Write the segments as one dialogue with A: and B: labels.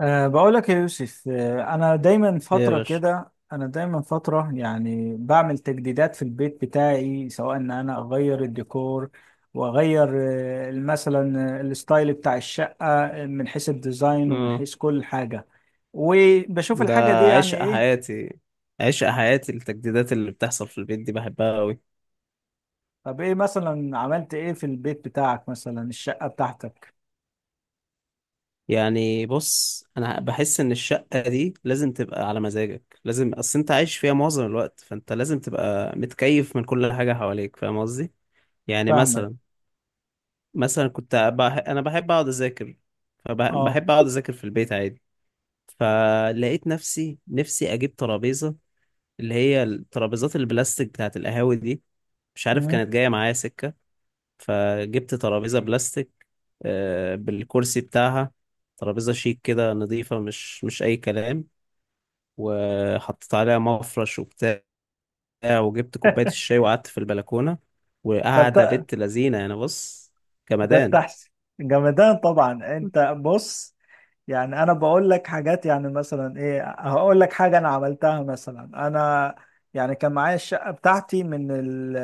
A: بقول لك يا يوسف، أنا دايما
B: إيه يا
A: فترة
B: باشا.
A: كده، أنا دايما فترة يعني بعمل تجديدات في البيت بتاعي، سواء إن أنا أغير الديكور وأغير مثلا الستايل بتاع الشقة، من حيث الديزاين ومن
B: اه
A: حيث كل حاجة، وبشوف
B: ده
A: الحاجة دي يعني
B: عشق
A: إيه.
B: حياتي. عشق حياتي التجديدات اللي بتحصل في البيت دي بحبها قوي.
A: طب إيه مثلا عملت إيه في البيت بتاعك؟ مثلا الشقة بتاعتك.
B: يعني بص، انا بحس ان الشقة دي لازم تبقى على مزاجك، لازم، اصل انت عايش فيها معظم الوقت، فانت لازم تبقى متكيف من كل حاجة حواليك. فاهم قصدي؟ يعني
A: فاهمك.
B: مثلا مثلا انا بحب اقعد اذاكر،
A: أه.
B: فبحب اقعد اذاكر في البيت عادي. فلقيت نفسي اجيب ترابيزة، اللي هي الترابيزات البلاستيك بتاعت القهاوي دي، مش عارف
A: مم.
B: كانت جاية معايا سكة. فجبت ترابيزة بلاستيك، بالكرسي بتاعها، ترابيزة شيك كده، نظيفة، مش أي كلام، وحطيت عليها مفرش وبتاع، وجبت كوباية الشاي وقعدت في البلكونة وقاعدة
A: طب
B: بنت لذينة. يعني بص،
A: ده
B: جمدان.
A: التحسي. جمدان طبعا. انت بص، يعني انا بقول لك حاجات، يعني مثلا ايه، هقول لك حاجه انا عملتها مثلا. انا يعني كان معايا الشقه بتاعتي من ال،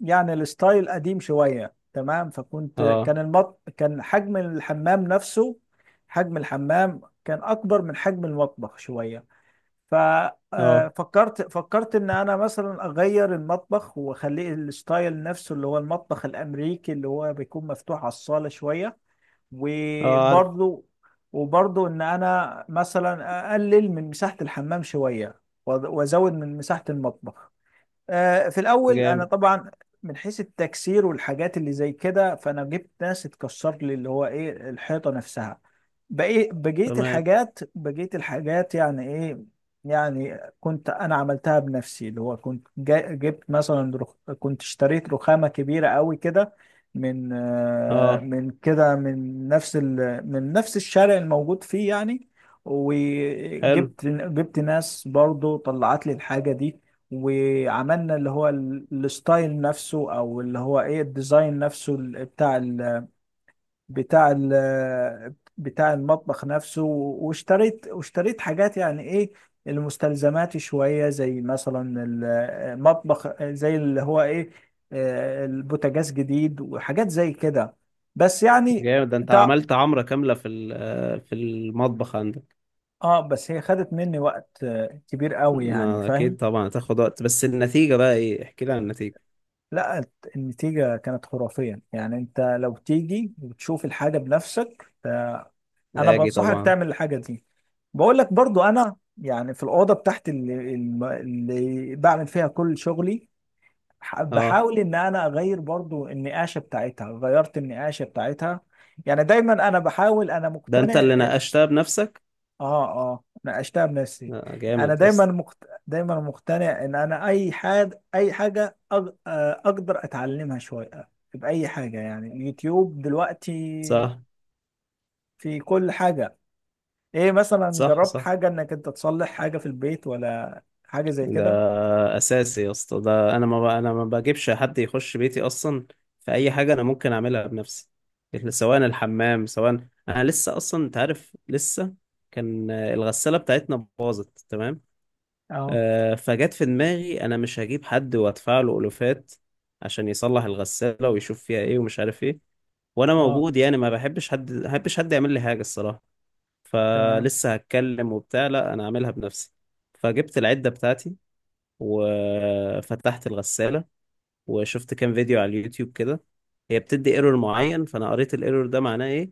A: يعني الستايل قديم شويه، تمام. فكنت
B: اه.
A: كان المط كان حجم الحمام نفسه، حجم الحمام كان اكبر من حجم المطبخ شويه.
B: اه.
A: ففكرت ان انا مثلا اغير المطبخ واخليه الستايل نفسه، اللي هو المطبخ الامريكي، اللي هو بيكون مفتوح على الصاله شويه.
B: اه عارف.
A: وبرضو وبرضو ان انا مثلا اقلل من مساحه الحمام شويه، وازود من مساحه المطبخ. في الاول انا
B: جامد.
A: طبعا من حيث التكسير والحاجات اللي زي كده، فانا جبت ناس تكسر لي اللي هو ايه، الحيطه نفسها.
B: تمام.
A: بقيت الحاجات يعني ايه، يعني كنت انا عملتها بنفسي، اللي هو كنت جبت مثلا كنت اشتريت رخامه كبيره قوي كده، من
B: اه.
A: من كده من نفس من نفس الشارع الموجود فيه يعني.
B: حلو.
A: وجبت ناس برضو طلعت لي الحاجه دي. وعملنا اللي هو الستايل نفسه، او اللي هو ايه، الديزاين نفسه، ال- بتاع ال بتاع ال بتاع المطبخ نفسه. واشتريت حاجات يعني ايه، المستلزمات شوية، زي مثلا المطبخ، زي اللي هو ايه، البوتاجاز جديد وحاجات زي كده. بس يعني
B: جامد، ده انت
A: تع-
B: عملت عمرة كاملة في في المطبخ عندك.
A: اه، بس هي خدت مني وقت كبير قوي، يعني
B: ما
A: فاهم.
B: اكيد طبعا هتاخد وقت، بس النتيجة بقى ايه؟ احكي لي عن النتيجة.
A: لا، النتيجة كانت خرافية. يعني انت لو تيجي وتشوف الحاجة بنفسك، انا
B: اجي
A: بنصحك
B: طبعا.
A: تعمل الحاجة دي. بقول لك برضو، انا يعني في الأوضة بتاعتي اللي بعمل فيها كل شغلي،
B: اه،
A: بحاول ان انا اغير برضو النقاشة بتاعتها. غيرت النقاشة بتاعتها، يعني دايما انا بحاول، انا
B: ده انت اللي
A: مقتنع.
B: ناقشتها بنفسك؟
A: اه. اه، ناقشتها بنفسي. انا
B: جامد يا
A: دايما
B: اسطى.
A: مقت... دايما مقتنع ان انا اي حاجه، اي حاجه اقدر اتعلمها شويه، باي حاجه. يعني اليوتيوب دلوقتي
B: صح
A: في كل حاجه. ايه مثلا،
B: صح
A: جربت
B: صح.
A: حاجه انك انت تصلح حاجه في البيت ولا حاجه زي
B: ده
A: كده؟
B: اساسي يا اسطى، ده انا ما ب... انا ما بجيبش حد يخش بيتي اصلا في اي حاجه انا ممكن اعملها بنفسي، سواء الحمام سواء. انا لسه اصلا انت عارف، لسه كان الغساله بتاعتنا باظت. تمام،
A: اه.
B: آه، فجت في دماغي انا مش هجيب حد وادفع له الوفات عشان يصلح الغساله ويشوف فيها ايه ومش عارف ايه، وانا
A: اه،
B: موجود يعني. ما بحبش حد يعمل لي حاجه الصراحه.
A: تمام
B: فلسه هتكلم وبتاع، لا انا اعملها بنفسي. فجبت العدة بتاعتي وفتحت الغسالة وشفت كام فيديو على اليوتيوب كده. هي بتدي ايرور معين، فانا قريت الايرور ده معناه ايه.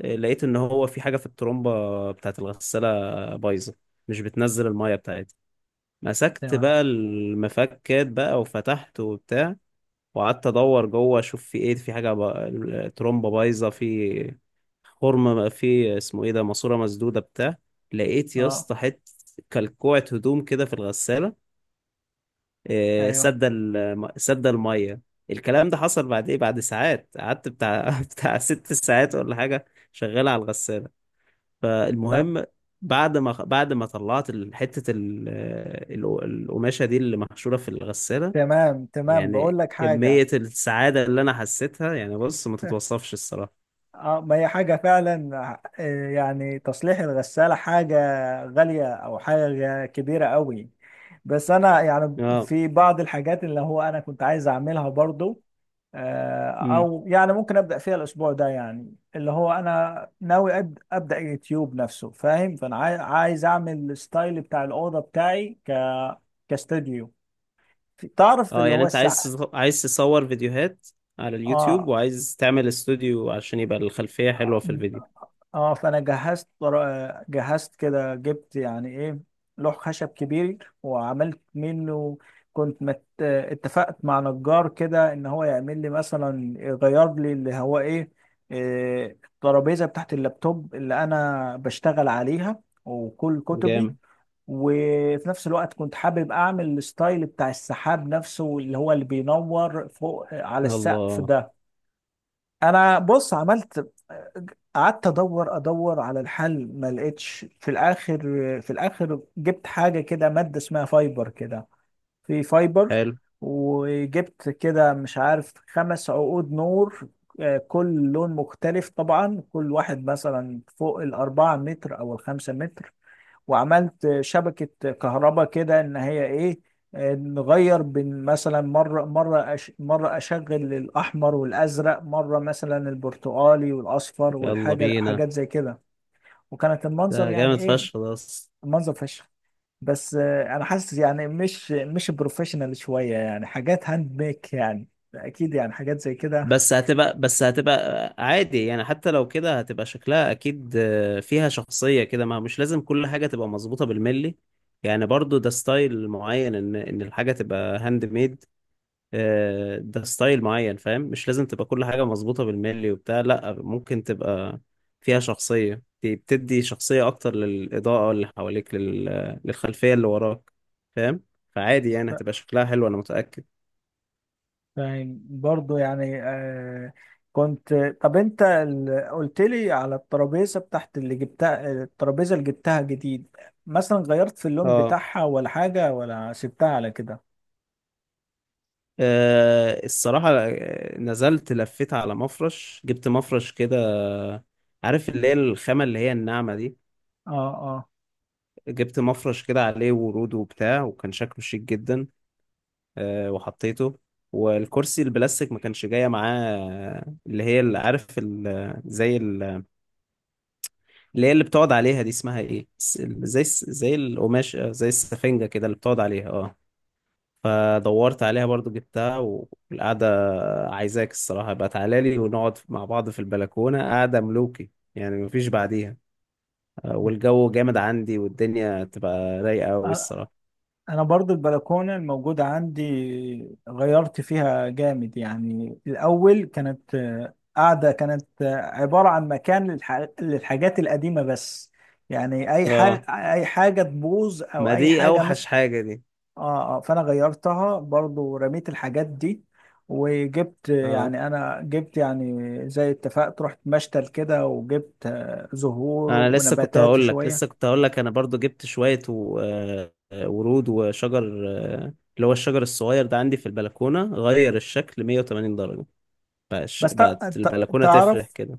B: لقيت ان هو في حاجة في الترومبة بتاعت الغسالة بايظة، مش بتنزل المية بتاعتها. مسكت
A: تمام.
B: بقى المفكات بقى وفتحت وبتاع، وقعدت ادور جوه اشوف في ايه، في حاجة بقى الترومبة بايظة في فورمه بقى، في اسمه ايه ده، ماسوره مسدوده بتاع لقيت يا
A: اه،
B: اسطى حته كلكوعه هدوم كده في الغساله،
A: ايوه.
B: سد الميه. الكلام ده حصل بعد ايه، بعد ساعات قعدت بتاع بتاع ست ساعات ولا حاجه شغال على الغساله.
A: طب
B: فالمهم، بعد ما طلعت حته القماشه دي اللي محشوره في الغساله،
A: تمام تمام، بقول
B: يعني
A: لك حاجه.
B: كميه السعاده اللي انا حسيتها، يعني بص ما تتوصفش الصراحه.
A: اه، ما هي حاجة فعلا. يعني تصليح الغسالة حاجة غالية أو حاجة كبيرة قوي. بس أنا يعني
B: اه.
A: في بعض الحاجات اللي هو أنا كنت عايز أعملها برضو. أو يعني ممكن أبدأ فيها الأسبوع ده، يعني اللي هو أنا ناوي أبدأ يوتيوب نفسه، فاهم. فأنا عايز أعمل الستايل بتاع الأوضة بتاعي كاستوديو، تعرف
B: اه
A: اللي
B: يعني
A: هو
B: انت
A: الساعة.
B: عايز تصور فيديوهات على اليوتيوب وعايز تعمل استوديو عشان يبقى الخلفية حلوة في الفيديو.
A: اه، فانا جهزت جهزت كده، جبت يعني ايه، لوح خشب كبير وعملت منه. كنت اتفقت مع نجار كده ان هو يعمل لي مثلا، يغير لي اللي هو ايه، الترابيزه بتاعت اللابتوب اللي انا بشتغل عليها وكل كتبي.
B: جامد.
A: وفي نفس الوقت كنت حابب اعمل الستايل بتاع السحاب نفسه، اللي هو اللي بينور فوق على السقف
B: الله.
A: ده. انا بص عملت، قعدت ادور على الحل، ما لقيتش في الاخر جبت حاجه كده، ماده اسمها فايبر كده، في فايبر.
B: حلو.
A: وجبت كده، مش عارف، خمس عقود نور، كل لون مختلف طبعا، كل واحد مثلا فوق الأربعة متر أو الخمسة متر. وعملت شبكة كهرباء كده، ان هي ايه، نغير بين، مثلا مرة مرة أش مرة اشغل الاحمر والازرق، مرة مثلا البرتقالي والاصفر،
B: يلا
A: والحاجة
B: بينا.
A: حاجات زي كده. وكانت المنظر
B: ده جامد
A: يعني ايه،
B: فشخ ده أصلاً.
A: المنظر فشخ. بس انا حاسس يعني مش بروفيشنال شوية، يعني حاجات هاند ميك يعني، اكيد يعني حاجات زي كده.
B: بس هتبقى، بس هتبقى عادي يعني، حتى لو كده هتبقى شكلها اكيد، آه، فيها شخصية كده، ما مش لازم كل حاجة تبقى مظبوطة بالملي. يعني برضو ده ستايل معين، ان الحاجة تبقى هاند ميد، آه، ده ستايل معين، فاهم؟ مش لازم تبقى كل حاجة مظبوطة بالملي وبتاع، لا، ممكن تبقى فيها شخصية. دي بتدي شخصية أكتر للإضاءة اللي حواليك، للخلفية اللي وراك. فاهم؟ فعادي يعني، هتبقى شكلها حلو أنا متأكد.
A: فاهم برضو يعني آه. كنت، طب انت قلت لي على الترابيزه بتاعت اللي جبتها. الترابيزه اللي جبتها جديد، مثلا غيرت في اللون
B: اه.
A: بتاعها ولا حاجه ولا سبتها على كده؟
B: آه، الصراحة، آه، نزلت لفيت على مفرش، جبت مفرش كده، عارف اللي هي الخامة اللي هي الناعمة دي،
A: اه.
B: جبت مفرش كده عليه ورود وبتاع، وكان شكله شيك جدا. آه، وحطيته. والكرسي البلاستيك ما كانش جاية معاه اللي هي، اللي عارف اللي هي اللي بتقعد عليها دي اسمها ايه، زي القماش، آه، زي السفنجة كده اللي بتقعد عليها، اه، فدورت عليها برضو جبتها. والقعدة عايزاك الصراحة بقى، تعالى لي ونقعد مع بعض في البلكونة قعدة ملوكي يعني، مفيش بعديها. آه، والجو جامد عندي والدنيا تبقى رايقة أوي
A: اه،
B: الصراحة.
A: انا برضو البلكونه الموجوده عندي غيرت فيها جامد. يعني الاول كانت قاعده، كانت عباره عن مكان للحاجات القديمه بس، يعني اي حاجه،
B: اه،
A: اي حاجه تبوظ او
B: ما
A: اي
B: دي
A: حاجه.
B: أوحش حاجة دي.
A: اه. اه، فانا غيرتها برضو، رميت الحاجات دي. وجبت
B: اه،
A: يعني، انا جبت يعني زي، اتفقت رحت مشتل كده، وجبت زهور
B: انا لسه كنت
A: ونباتات
B: هقول لك،
A: شوية.
B: لسه كنت هقول لك انا برضو جبت شوية ورود وشجر، آه، اللي هو الشجر الصغير ده عندي في البلكونة، غير الشكل 180 درجة. بقاش-
A: بس
B: بقت البلكونة تفرح
A: تعرف،
B: كده.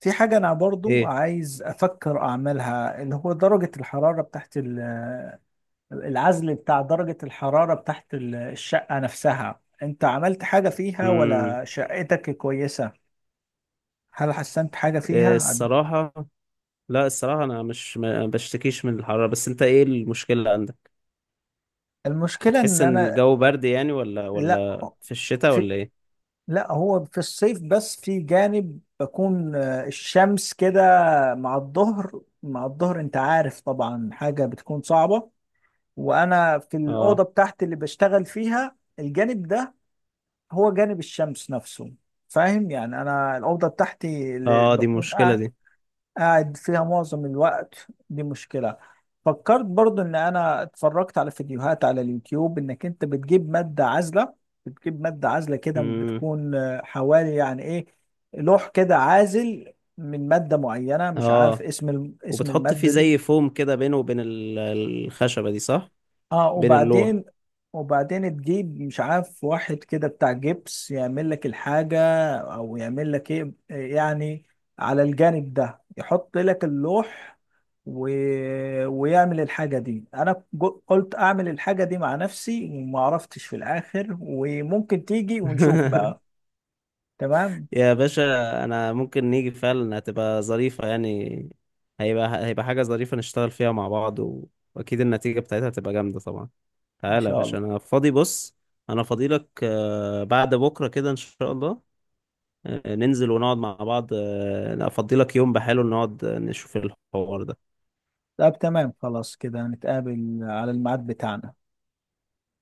A: في حاجة انا برضو
B: ايه؟
A: عايز افكر اعملها، اللي هو درجة الحرارة بتاعت العزل، بتاع درجة الحرارة بتاعت الشقة نفسها. انت عملت حاجة فيها
B: امم.
A: ولا شقتك كويسة؟ هل حسنت حاجة
B: إيه
A: فيها؟
B: الصراحة، لا الصراحة انا مش، ما بشتكيش من الحرارة، بس انت ايه المشكلة عندك؟
A: المشكلة ان
B: بتحس ان
A: انا،
B: الجو برد يعني، ولا
A: لا،
B: ولا في الشتاء ولا ايه؟
A: لا، هو في الصيف بس. في جانب بكون الشمس كده مع الظهر، مع الظهر انت عارف طبعا، حاجة بتكون صعبة. وانا في الأوضة
B: اه.
A: بتاعتي اللي بشتغل فيها، الجانب ده هو جانب الشمس نفسه، فاهم. يعني انا الأوضة بتاعتي اللي
B: اه دي
A: بكون
B: مشكلة
A: قاعد،
B: دي.
A: قاعد فيها معظم الوقت، دي مشكلة. فكرت برضو ان انا اتفرجت على فيديوهات على اليوتيوب، انك انت بتجيب مادة عازلة. بتجيب مادة عازلة كده،
B: امم.
A: بتكون حوالي يعني ايه، لوح كده عازل من مادة معينة. مش عارف
B: اه،
A: اسم اسم
B: وبتحط فيه
A: المادة
B: زي
A: دي.
B: فوم كده بينه وبين الخشبة دي صح؟
A: اه،
B: بين اللوح.
A: وبعدين، تجيب مش عارف واحد كده بتاع جبس، يعمل لك الحاجة او يعمل لك ايه، يعني على الجانب ده يحط لك اللوح، و... ويعمل الحاجة دي. انا قلت اعمل الحاجة دي مع نفسي وما عرفتش في الاخر. وممكن تيجي ونشوف بقى. تمام.
B: يا باشا، انا ممكن نيجي فعلا، هتبقى ظريفة يعني. هيبقى حاجة ظريفة نشتغل فيها مع بعض، و... واكيد النتيجة بتاعتها هتبقى جامدة طبعا.
A: ان
B: تعالى يا
A: شاء
B: باشا،
A: الله.
B: انا فاضي بص، انا فاضي لك، آه، بعد بكرة كده ان شاء الله، آه، ننزل ونقعد مع بعض، آه، افضي لك يوم بحاله نقعد نشوف الحوار ده.
A: طب تمام، خلاص كده نتقابل على الميعاد بتاعنا.